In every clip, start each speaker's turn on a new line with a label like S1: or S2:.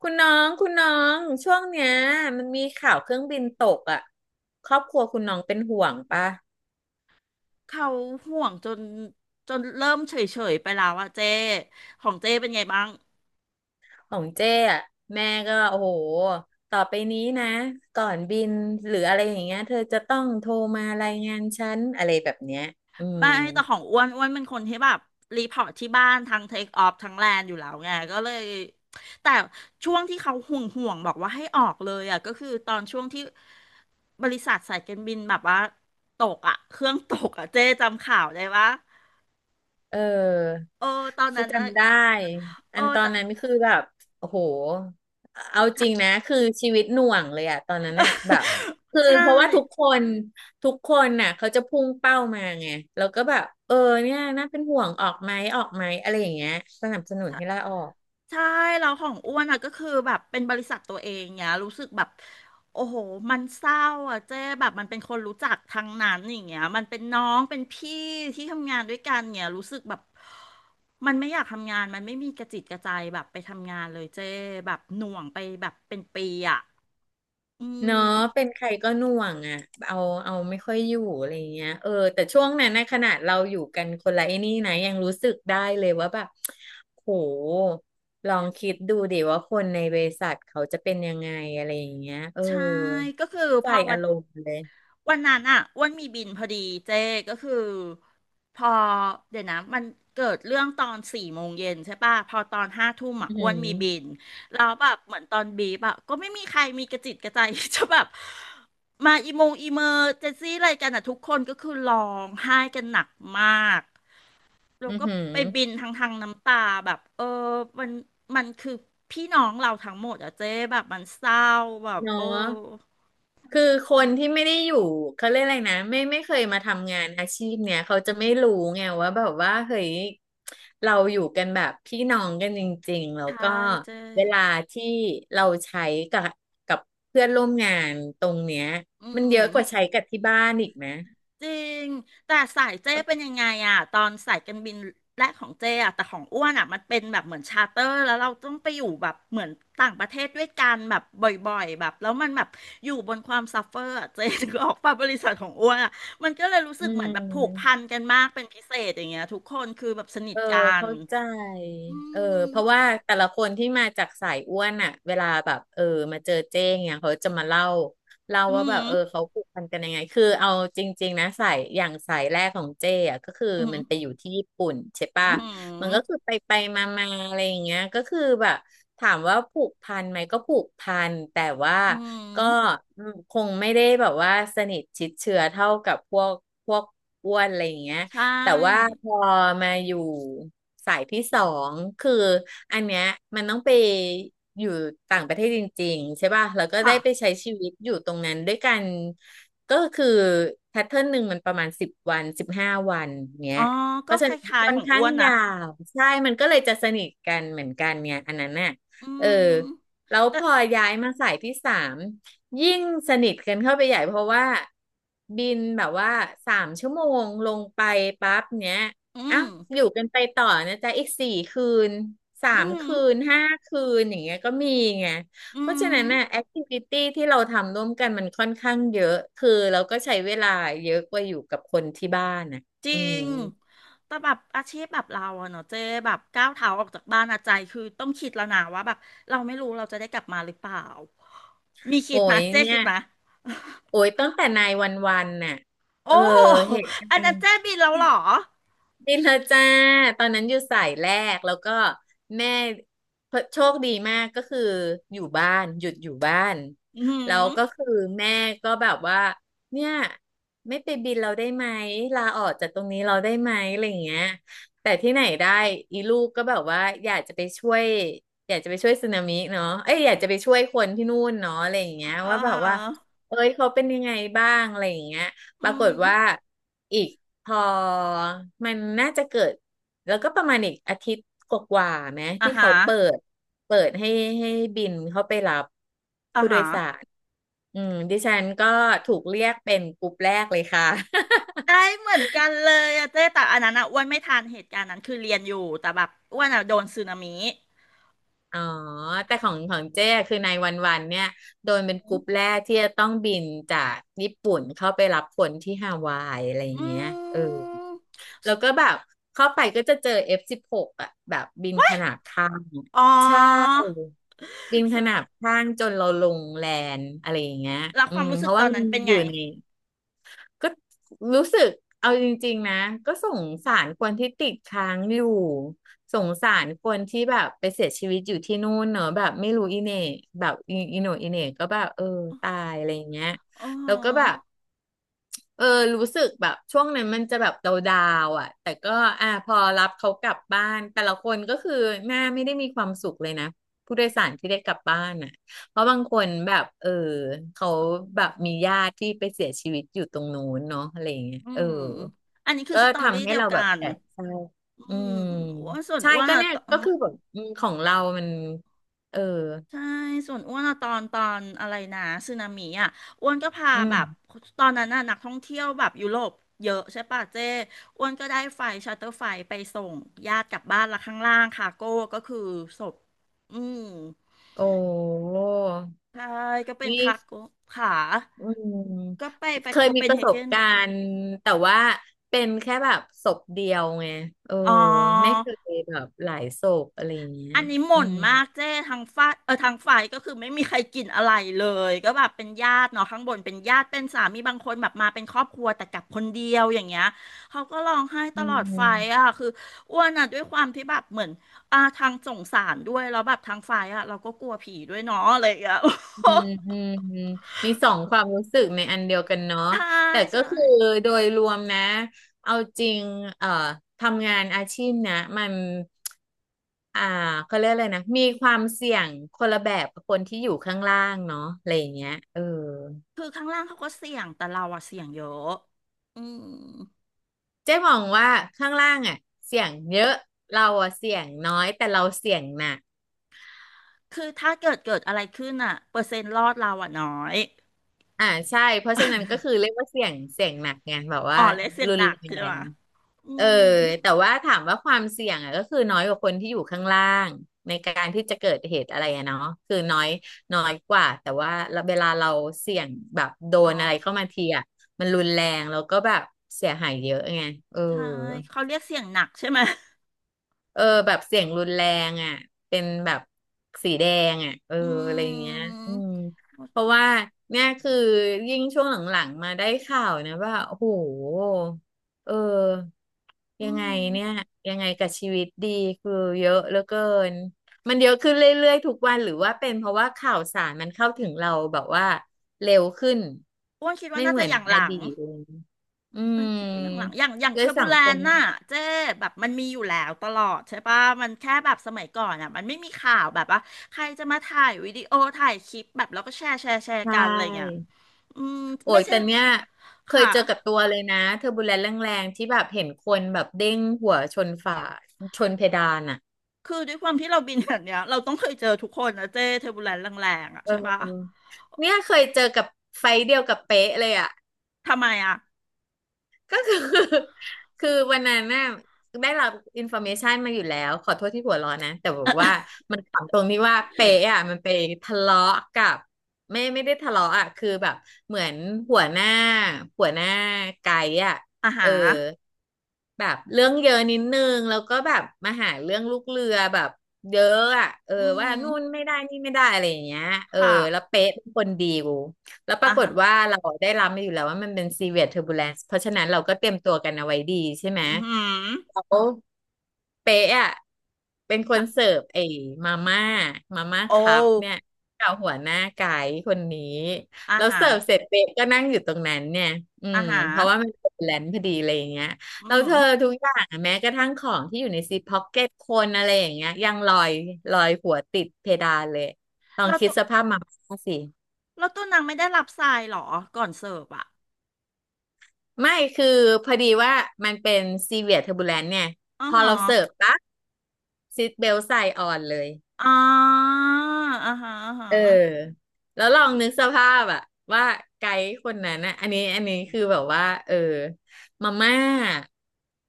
S1: คุณน้องคุณน้องช่วงเนี้ยมันมีข่าวเครื่องบินตกอ่ะครอบครัวคุณน้องเป็นห่วงปะ
S2: เขาห่วงจนเริ่มเฉยๆไปแล้วอะเจ้ของเจ้เป็นไงบ้าง
S1: ของเจ้อ่ะแม่ก็โอ้โหต่อไปนี้นะก่อนบินหรืออะไรอย่างเงี้ยเธอจะต้องโทรมารายงานฉันอะไรแบบเนี้ยอืม
S2: ไม่แต่ของอ้วนเป็นคนที่แบบรีพอร์ตที่บ้านทั้งเทคออฟทั้งแลนอยู่แล้วไงก็เลยแต่ช่วงที่เขาห่วงบอกว่าให้ออกเลยอะก็คือตอนช่วงที่บริษัทสายการบินแบบว่าตกอะเครื่องตกอะเจ้จำข่าวได้ปะ
S1: เออ
S2: เออตอน
S1: คือ
S2: นั้นนะ
S1: จำได้
S2: เอ
S1: อั
S2: อ
S1: นตอ
S2: แต่
S1: นนั้นคือแบบโอ้โหเอาจริงนะ คือชีวิตหน่วงเลยอะตอนนั้นเนี่ยแบบ คือ
S2: ใช่
S1: เพราะว่าทุกคน ทุกคนน่ะเขาจะพุ่งเป้ามาไง แล้วก็แบบ เนี่ยน่าเป็นห่วงออกไหมออกไหมอะไรอย่างเงี้ยสนับสนุน
S2: ใช่
S1: ให้ลาออก
S2: ใช่เราของอ้วนอ่ะก็คือแบบเป็นบริษัทตัวเองเนี่ยรู้สึกแบบโอ้โหมันเศร้าอ่ะเจ๊แบบมันเป็นคนรู้จักทั้งนั้นอย่างเงี้ยมันเป็นน้องเป็นพี่ที่ทำงานด้วยกันเนี่ยรู้สึกแบบมันไม่อยากทำงานมันไม่มีกระจิตกระใจแบบไปทำงานเลยเจ๊แบบหน่วงไปแบบเป็นปีอ่ะอื
S1: เนาะเป็น
S2: ม
S1: ใครก็หน่วงอ่ะเอาเอาไม่ค่อยอยู่อะไรเงี้ยเออแต่ช่วงนั้นนะขนาดเราอยู่กันคนละไอ้นี่นะยังรู้สึกได้เลยว่าแบบโหลองคิดดูดิว่าคนในบริษัทเขาจะเป็นยังไงอะไรอย่างเงี้ยเออ
S2: ใช่ก็คือ
S1: เข้าใจ
S2: พอวั
S1: อา
S2: น
S1: รมณ์เลย
S2: วันนั้นอ่ะอ้วนมีบินพอดีเจ๊ก็คือพอเดี๋ยวนะเกิดเรื่องตอนสี่โมงเย็นใช่ป่ะพอตอนห้าทุ่ม
S1: อือ
S2: อ่ะอ้
S1: หื
S2: วนมีบิ
S1: อ
S2: นแล้วแบบเหมือนตอนบีบอ่ะก็ไม่มีใครมีกระจิตกระใจ จะแบบมาอีโมงอีเมอร์เจนซี่อะไรกันอ่ะทุกคนก็คือร้องไห้กันหนักมากแล้ว
S1: อือ
S2: ก็
S1: หือ
S2: ไปบินทางน้ำตาแบบเออมันมันคือพี่น้องเราทั้งหมดอ่ะเจ๊แบบมันเศร้าแบบ
S1: เนา
S2: โอ้
S1: ะ คือคนที่ไม่ได้อยู่เขาเรียกอะไรนะไม่เคยมาทำงานอาชีพเนี่ยเขาจะไม่รู้ไงว่าแบบว่าเฮ้ยเราอยู่กันแบบพี่น้องกันจริงๆแล้ว
S2: ใช่
S1: ก็
S2: เจ๊
S1: เวลาที่เราใช้กับกับเพื่อนร่วมงานตรงเนี้ย
S2: อื
S1: มันเย
S2: ม
S1: อะกว่าใช้กับที่บ้านอีกนะ
S2: จริงแต่สายเจ้เป็นยังไงอะตอนสายการบินแรกของเจ้อะแต่ของอ้วนอะมันเป็นแบบเหมือนชาร์เตอร์แล้วเราต้องไปอยู่แบบเหมือนต่างประเทศด้วยกันแบบบ่อยๆแบบแล้วมันแบบอยู่บนความซัฟเฟอร์อะเจ้ถึงออกปาบริษัทของอ้วนอะมันก็เลยรู้สึ
S1: อื
S2: กเหมือนแบบผูกพัน
S1: ม
S2: กันมากเป็นพิเศษอย่างเงี้ยทุกคนคือแบบสนิ
S1: เอ
S2: ท
S1: อ
S2: กัน
S1: เข้าใจ
S2: อื
S1: เออ
S2: ม
S1: เพราะว่าแต่ละคนที่มาจากสายอ้วนอ่ะเวลาแบบมาเจอเจ้งเนี่ยเขาจะมาเล่า
S2: อื
S1: ว่าแบ
S2: ม
S1: บเออเขาผูกพันกันยังไงคือเอาจริงๆนะสายอย่างสายแรกของเจ้อ่ะก็คือ
S2: อืม
S1: มันไปอยู่ที่ญี่ปุ่นใช่
S2: อื
S1: ป่ะมันก็คือ
S2: ม
S1: ไปไปมามาอะไรอย่างเงี้ยก็คือแบบถามว่าผูกพันไหมก็ผูกพันแต่ว่า
S2: อืม
S1: ก็อืมคงไม่ได้แบบว่าสนิทชิดเชื้อเท่ากับพวกอ้วนอะไรอย่างเงี้ย
S2: ใช
S1: แต่ว่า
S2: ่
S1: พอมาอยู่สายที่สองคืออันเนี้ยมันต้องไปอยู่ต่างประเทศจริงๆใช่ป่ะแล้วก็ได้
S2: ค่ะ
S1: ไปใช้ชีวิตอยู่ตรงนั้นด้วยกันก็คือแพทเทิร์นหนึ่งมันประมาณสิบวันสิบห้าวันเนี้
S2: อ๋อ
S1: ยเพ
S2: ก็
S1: ราะ
S2: ค
S1: ฉะนั้น
S2: ล้าย
S1: ค่
S2: ๆ
S1: อ
S2: ข
S1: น
S2: อง
S1: ข้า
S2: อ้
S1: ง
S2: วนนะ
S1: ยาวใช่มันก็เลยจะสนิทกันเหมือนกันเนี่ยอันนั้นน่ะ
S2: อื
S1: เออ
S2: ม
S1: แล้ว
S2: แต่
S1: พอย้ายมาสายที่สาม ยิ่งสนิทกันเข้าไปใหญ่เพราะว่าบินแบบว่าสามชั่วโมงลงไปปั๊บเนี้ย
S2: อื
S1: อ่ะ
S2: ม
S1: อยู่กันไปต่อนะจ๊ะอีกสี่คืนสา
S2: อื
S1: ม
S2: ม
S1: คืนห้าคืนอย่างเงี้ยก็มีไง
S2: อื
S1: เพราะฉะนั้
S2: ม
S1: นน่ะแอคทิวิตี้ที่เราทำร่วมกันมันค่อนข้างเยอะคือเราก็ใช้เวลาเยอะกว่าอยู่กับคนที่บ้านน่ะ
S2: จริ
S1: อืม
S2: งแต่แบบอาชีพแบบเราอะเนาะเจ๊แบบก้าวเท้าออกจากบ้านอะใจคือต้องคิดแล้วนะว่าแบบเราไม่รู้เราจะได้กลับมาหรือเปล่ามีคิ
S1: โอ้
S2: ดไหม
S1: ย
S2: เจ๊
S1: เนี่ย
S2: คิดไหม
S1: โอ้ยตั้งแต่นายวันวันน่ะ
S2: โอ้
S1: เออเหตุกา
S2: อัน
S1: ร
S2: นั้น
S1: ณ์
S2: เจ๊บินแล้วเหรอ
S1: นี่เธอจ้าตอนนั้นอยู่สายแรกแล้วก็แม่โชคดีมากก็คืออยู่บ้านหยุดอยู่บ้าน
S2: อื
S1: แล้ว
S2: ม
S1: ก็คือแม่ก็แบบว่าเนี่ยไม่ไปบินเราได้ไหมลาออกจากตรงนี้เราได้ไหมอะไรอย่างเงี้ย แต่ที่ไหนได้อีลูกก็แบบว่าอยากจะไปช่วยอยากจะไปช่วยสึนามิเนาะเอ้ยอยากจะไปช่วยคนที่นู่นเนาะอะไรอย่างเงี้ย
S2: อ่
S1: ว่าแบบว่า
S2: า
S1: เอ้ยเขาเป็นยังไงบ้างอะไรอย่างเงี้ยป
S2: อื
S1: รากฏ
S2: ม
S1: ว่าอีก พอมันน่าจะเกิดแล้วก็ประมาณอีกอาทิตย์กว่าๆไหม
S2: อ่า
S1: ที่
S2: ฮะ
S1: เขาเปิดให้ให้บินเข้าไปรับ
S2: อ่า
S1: ผู้โด
S2: ฮะ
S1: ยสารอืมดิฉันก็ถูกเรียกเป็นกลุ่มแรกเลยค่ะ
S2: ได้เหมือนกันเลยอะเจ๊แต่อันนั้นอะอ้วนไม่ทันเหตุการณ์นั้นคือเรียนอยู่แต่แบบอ้วนอะโดนสึนามิ
S1: อ๋อแต่ของเจ้คือในวันวันเนี่ยโดนเป็นกลุ่มแรกที่จะต้องบินจากญี่ปุ่นเข้าไปรับคนที่ฮาวายอะไรอ
S2: อ
S1: ย่างเงี้ย
S2: ื
S1: เออ
S2: ม
S1: แล้วก็แบบเข้าไปก็จะเจอ F16 อฟสิบหกอ่ะแบบบินขนาบข้าง
S2: อ๋
S1: ใช่
S2: อ
S1: ดินขนา
S2: สุ
S1: บข้างจนเราลงแลนด์อะไรอย่างเงี้ย
S2: แล้ว
S1: อื
S2: ความ
S1: ม
S2: รู้
S1: เพ
S2: สึก
S1: ราะ
S2: ต
S1: ว่า
S2: อน
S1: มัน
S2: นั้นเป็น
S1: อ
S2: ไง
S1: ยู่ในก็รู้สึกเอาจริงๆนะก็สงสารคนที่ติดค้างอยู่สงสารคนที่แบบไปเสียชีวิตอยู่ที่นู่นเนอะแบบไม่รู้อีเหน่แบบอีโหน่อีเหน่ก็แบบเออตายอะไรอย่างเงี้ย
S2: อ๋อ
S1: แล้วก็แบบ เออรู้สึกแบบช่วงนั้นมันจะแบบดาวๆอ่ะแต่ก็อ่ะพอรับเขากลับบ้านแต่ละคนก็คือหน้าไม่ได้มีความสุขเลยนะผู้โดยสารที่ได้กลับบ้านอ่ะเพราะบางคนแบบเออเขาแบบมีญาติที่ไปเสียชีวิตอยู่ตรงนู้นเนาะอะไรอย่างเงี้ย
S2: อื
S1: เออ
S2: มอันนี้คือ
S1: ก็
S2: สตอรี่
S1: ทำให้
S2: เดียว
S1: เราแบ
S2: กั
S1: บ
S2: น
S1: แอบเศร้า
S2: อื
S1: อื
S2: ม
S1: ม
S2: อ้วนส่วน
S1: ใช่
S2: อ้วน
S1: ก็
S2: อะ
S1: เนี่ย
S2: ตอน
S1: ก็คือแบบอืมของเรามันเออ
S2: ใช่ส่วนอ้วนอะตอนอะไรนะสึนามิอะอ้วนก็พา
S1: อืม
S2: แบบตอนนั้นน่ะนักท่องเที่ยวแบบยุโรปเยอะใช่ป่ะเจ้อ้วนก็ได้ไฟชาร์เตอร์ไฟไปส่งญาติกลับบ้านละข้างล่างคาโก้ก็คือศพอืม
S1: โอ้
S2: ใช่ก็เป็น
S1: นี่
S2: คาโก้ขา
S1: อืม
S2: ก็ไป
S1: เค
S2: โค
S1: ย
S2: เป
S1: มี
S2: น
S1: ประ
S2: เฮ
S1: ส
S2: เก
S1: บ
S2: น
S1: การณ์แต่ว่าเป็นแค่แบบศพเดียวไงเออ
S2: อ๋อ
S1: ไม่เคยแบบหลายศพอะไรอย่างเงี้ย
S2: อันนี้ห
S1: อื
S2: ม่น
S1: ม
S2: มากเจ้ทางฝ้ายเออทางฝ่ายก็คือไม่มีใครกินอะไรเลยก็แบบเป็นญาติเนาะข้างบนเป็นญาติเป็นสามีบางคนแบบมาเป็นครอบครัวแต่กลับคนเดียวอย่างเงี้ยเขาก็ร้องไห้ต
S1: อื
S2: ลอดไฟ
S1: ม
S2: อ่ะคืออ้วนอ่ะด้วยความที่แบบเหมือนอ่าทางสงสารด้วยแล้วแบบทางฝ่ายอ่ะเราก็กลัวผีด้วยเนาะอะไรอย่างเงี้ย
S1: อืมอืมอืมมีสองความรู้สึกในอันเดียวกันเนาะ
S2: ใช่
S1: แต่ก็
S2: ใช่
S1: คือโดยรวมนะเอาจริงเอ่อทำงานอาชีพนะมันอ่าเขาเรียกอะไรนะมีความเสี่ยงคนละแบบกับคนที่อยู่ข้างล่างเนาะอะไรอย่างเงี้ยเออ
S2: คือข้างล่างเขาก็เสี่ยงแต่เราอะเสี่ยงเยอะอืม
S1: เจ๊มองว่าข้างล่างอ่ะเสี่ยงเยอะเราอ่ะเสี่ยงน้อยแต่เราเสี่ยงหนัก
S2: คือถ้าเกิดอะไรขึ้นอะเปอร์เซ็นต์รอดเราอะน้อย
S1: อ่าใช่เพราะฉะนั้นก็คือเรียกว่าเสี่ยงหนักไงแบบ
S2: อ๋
S1: ว่า
S2: อเรียกเสียง
S1: รุ
S2: ห
S1: น
S2: นั
S1: แร
S2: กใช่ไหม
S1: ง
S2: อื
S1: เออ
S2: ม
S1: แต่ว่าถามว่าความเสี่ยงอ่ะก็คือน้อยกว่าคนที่อยู่ข้างล่างในการที่จะเกิดเหตุอะไรอะเนาะคือน้อยน้อยกว่าแต่ว่าเวลาเราเสี่ยงแบบโด
S2: อ๋
S1: นอะไรเข้า
S2: อ
S1: มาทีอ่ะมันรุนแรงแล้วก็แบบเสียหายเยอะไงเออ
S2: ใช่เขาเรียกเสียงหนักใช่ไหม
S1: เออแบบเสียงรุนแรงอ่ะเป็นแบบสีแดงอ่ะเออ
S2: อื
S1: อะไรอย่างเงี้ย
S2: ม
S1: อืมเพราะว่าเนี่ยคือยิ่งช่วงหลังๆมาได้ข่าวนะว่าโอ้โหเออ
S2: อื
S1: ยังไง
S2: ม
S1: เนี่ยยังไงกับชีวิตดีคือเยอะเหลือเกินมันเยอะขึ้นเรื่อยๆทุกวันหรือว่าเป็นเพราะว่าข่าวสารมันเข้าถึงเราแบบว่าเร็วขึ้น
S2: อ้วนคิดว่า
S1: ไม่
S2: น่า
S1: เหมื
S2: จะ
S1: อน
S2: อย่าง
S1: อ
S2: หลัง
S1: ดีตเลยอื
S2: อ้ว
S1: ม
S2: นคิดว่าอย่างหลังอย่าง
S1: ด้
S2: เท
S1: ว
S2: อ
S1: ย
S2: ร์บู
S1: สัง
S2: แล
S1: ค
S2: น
S1: ม
S2: น่ะเจ๊แบบมันมีอยู่แล้วตลอดใช่ปะมันแค่แบบสมัยก่อนอ่ะมันไม่มีข่าวแบบว่าใครจะมาถ่ายวิดีโอถ่ายคลิปแบบแล้วก็แชร์แชร์
S1: ใช
S2: กันอะไรเงี้ย
S1: ่
S2: อืม
S1: โอ้
S2: ไม่
S1: ย
S2: ใช่
S1: แต่เนี้ยเคย
S2: ค่ะ
S1: เจอกับตัวเลยนะเทอร์บูเลนต์แรงๆที่แบบเห็นคนแบบเด้งหัวชนฝาชนเพดานอ่ะ
S2: คือด้วยความที่เราบินแบบเนี้ย เราต้องเคยเจอทุกคนนะเจ๊เทอร์บูแลนแรงๆอ่ะ
S1: เอ
S2: ใช่ปะ
S1: อเนี่ยเคยเจอกับไฟท์เดียวกับเป๊ะเลยอ่ะ
S2: ทำไมอ่ะ
S1: ก็คือ คือวันนั้นน่ะได้รับอินฟ r m เมชันมาอยู่แล้วขอโทษที่หัวเร้อนนะแต่แบบว่ามันขำตรงที่ว่าเป๊ะอ่ะมันไปทะเลาะกับไม่ได้ทะเลาะอ่ะคือแบบเหมือนหัวหน้าหัวหน้าไกด์อ่ะ
S2: อา
S1: เอ
S2: หา
S1: อแบบเรื่องเยอะนิดนึงแล้วก็แบบมาหาเรื่องลูกเรือแบบเยอะอ่ะเออ
S2: อื
S1: ว่า
S2: ม
S1: นู่นไม่ได้นี่ไม่ได้อะไรอย่างเงี้ยเออ
S2: ค่ะ
S1: แล้วเป๊ะเป็นคนดีกู แล้วปรา
S2: อา
S1: ก
S2: หา
S1: ฏว่าเราได้รับมาอยู่แล้วว่ามันเป็น severe turbulence เพราะฉะนั้นเราก็เตรียมตัวกันเอาไว้ดีใช่ไหม
S2: อือหือ
S1: แล้วเป๊ะอ่ะเป็นคน
S2: ทับ
S1: เสิร์ฟไอ้มาม่ามาม่าคัพ
S2: โอ
S1: เนี่ยกับหัวหน้าไกด์คนนี้
S2: อา
S1: แล้ว
S2: หา
S1: เสิร์ฟเสร็จเป๊ะก็นั่งอยู่ตรงนั้นเนี่ยอื
S2: อา
S1: ม
S2: หา
S1: เพราะว่ามันเป็นแลนพอดีอะไรอย่างเงี้ยแล้
S2: อื
S1: ว
S2: ม
S1: เธอทุกอย่างอะแม้กระทั่งของที่อยู่ในซิปพ็อกเก็ตคนอะไรอย่างเงี้ยยังลอยหัวติดเพดานเลยลอง
S2: เรา
S1: คิ
S2: ตั
S1: ด
S2: ว
S1: สภาพมาม่าสิ
S2: เราตัวนางไม่ได้รับทรายเหรอก่อนเสิร์ฟอ่ะ
S1: ไม่คือพอดีว่ามันเป็นซีเวียเทอร์บูแลนเนี่ย
S2: อ๋อ
S1: พอ
S2: ฮะ
S1: เราเสิร์ฟปั๊บซีทเบลใส่ออนเลย
S2: อ๋ออ่าฮะอ่าฮะ
S1: เออแล้วลองนึกสภาพอะว่าไกด์คนนั้นนะอันนี้คือแบบว่าเออมาม่า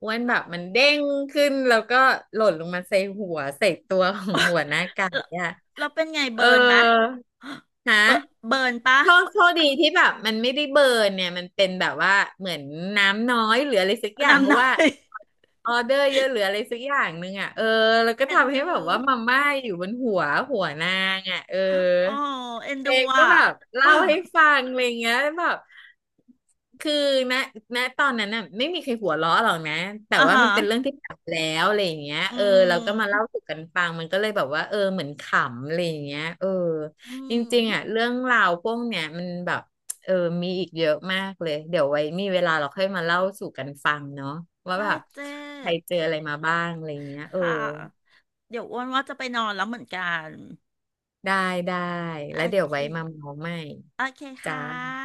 S1: อ้วนแบบมันเด้งขึ้นแล้วก็หล่นลงมาใส่หัวใส่ตัวของหัวหน้าไก่
S2: เรา
S1: อะ
S2: เป็นไง
S1: เออ
S2: เบิร์นไหม
S1: ฮะ
S2: เบเบิร์นปะ
S1: โชคดีที่แบบมันไม่ได้เบิร์นเนี่ยมันเป็นแบบว่าเหมือนน้ำน้อยหรืออะไรสักอย่างเพ
S2: นำห
S1: ราะ
S2: น่อ
S1: ว่า
S2: ย
S1: ออเดอร์เยอะหรืออะไรสักอย่างหนึงอ่ะเออแล้วก็
S2: เอ็น
S1: ทำให้
S2: ดู
S1: แบบว่ามาม่าอยู่บนหัวหัวนางอ่ะเออ
S2: อ๋อเอ็นดู
S1: เด็กก็
S2: อ่ะ
S1: แบบเล่าให้ฟังอะไรเงี้ยแบบ คือณณตอนนั้นน่ะไม่มีใครหัวเราะหรอกนะแต่
S2: อ่า
S1: ว่า
S2: ฮะ
S1: มันเป็นเรื่องที่ผ่านมาแล้วอะไรอย่างเงี้ย
S2: อื
S1: เออเราก็มาเล่า
S2: ม
S1: สู่กันฟังมันก็เลยแบบว่าเออเหมือนขำอะไรอย่างเงี้ยเออ
S2: อื
S1: จ
S2: ม
S1: ริงๆอ่ะเรื่องราวพวกเนี้ยมันแบบเออมีอีกเยอะมากเลยเดี๋ยวไว้มีเวลาเราค่อยมาเล่าสู่กันฟังเนาะว่า
S2: ได้
S1: แบบ
S2: เจ้
S1: ใครเจออะไรมาบ้างอะไรอย่างเงี้ยเออ
S2: ค่ะเดี๋ยวอ้วนว่าจะไปนอนแล้วเหมือนกัน
S1: ได้ได้
S2: โอ
S1: แล้วเดี๋ยว
S2: เค
S1: ไว้มาเมาใหม่
S2: โอเคค
S1: จ้า
S2: ่ะ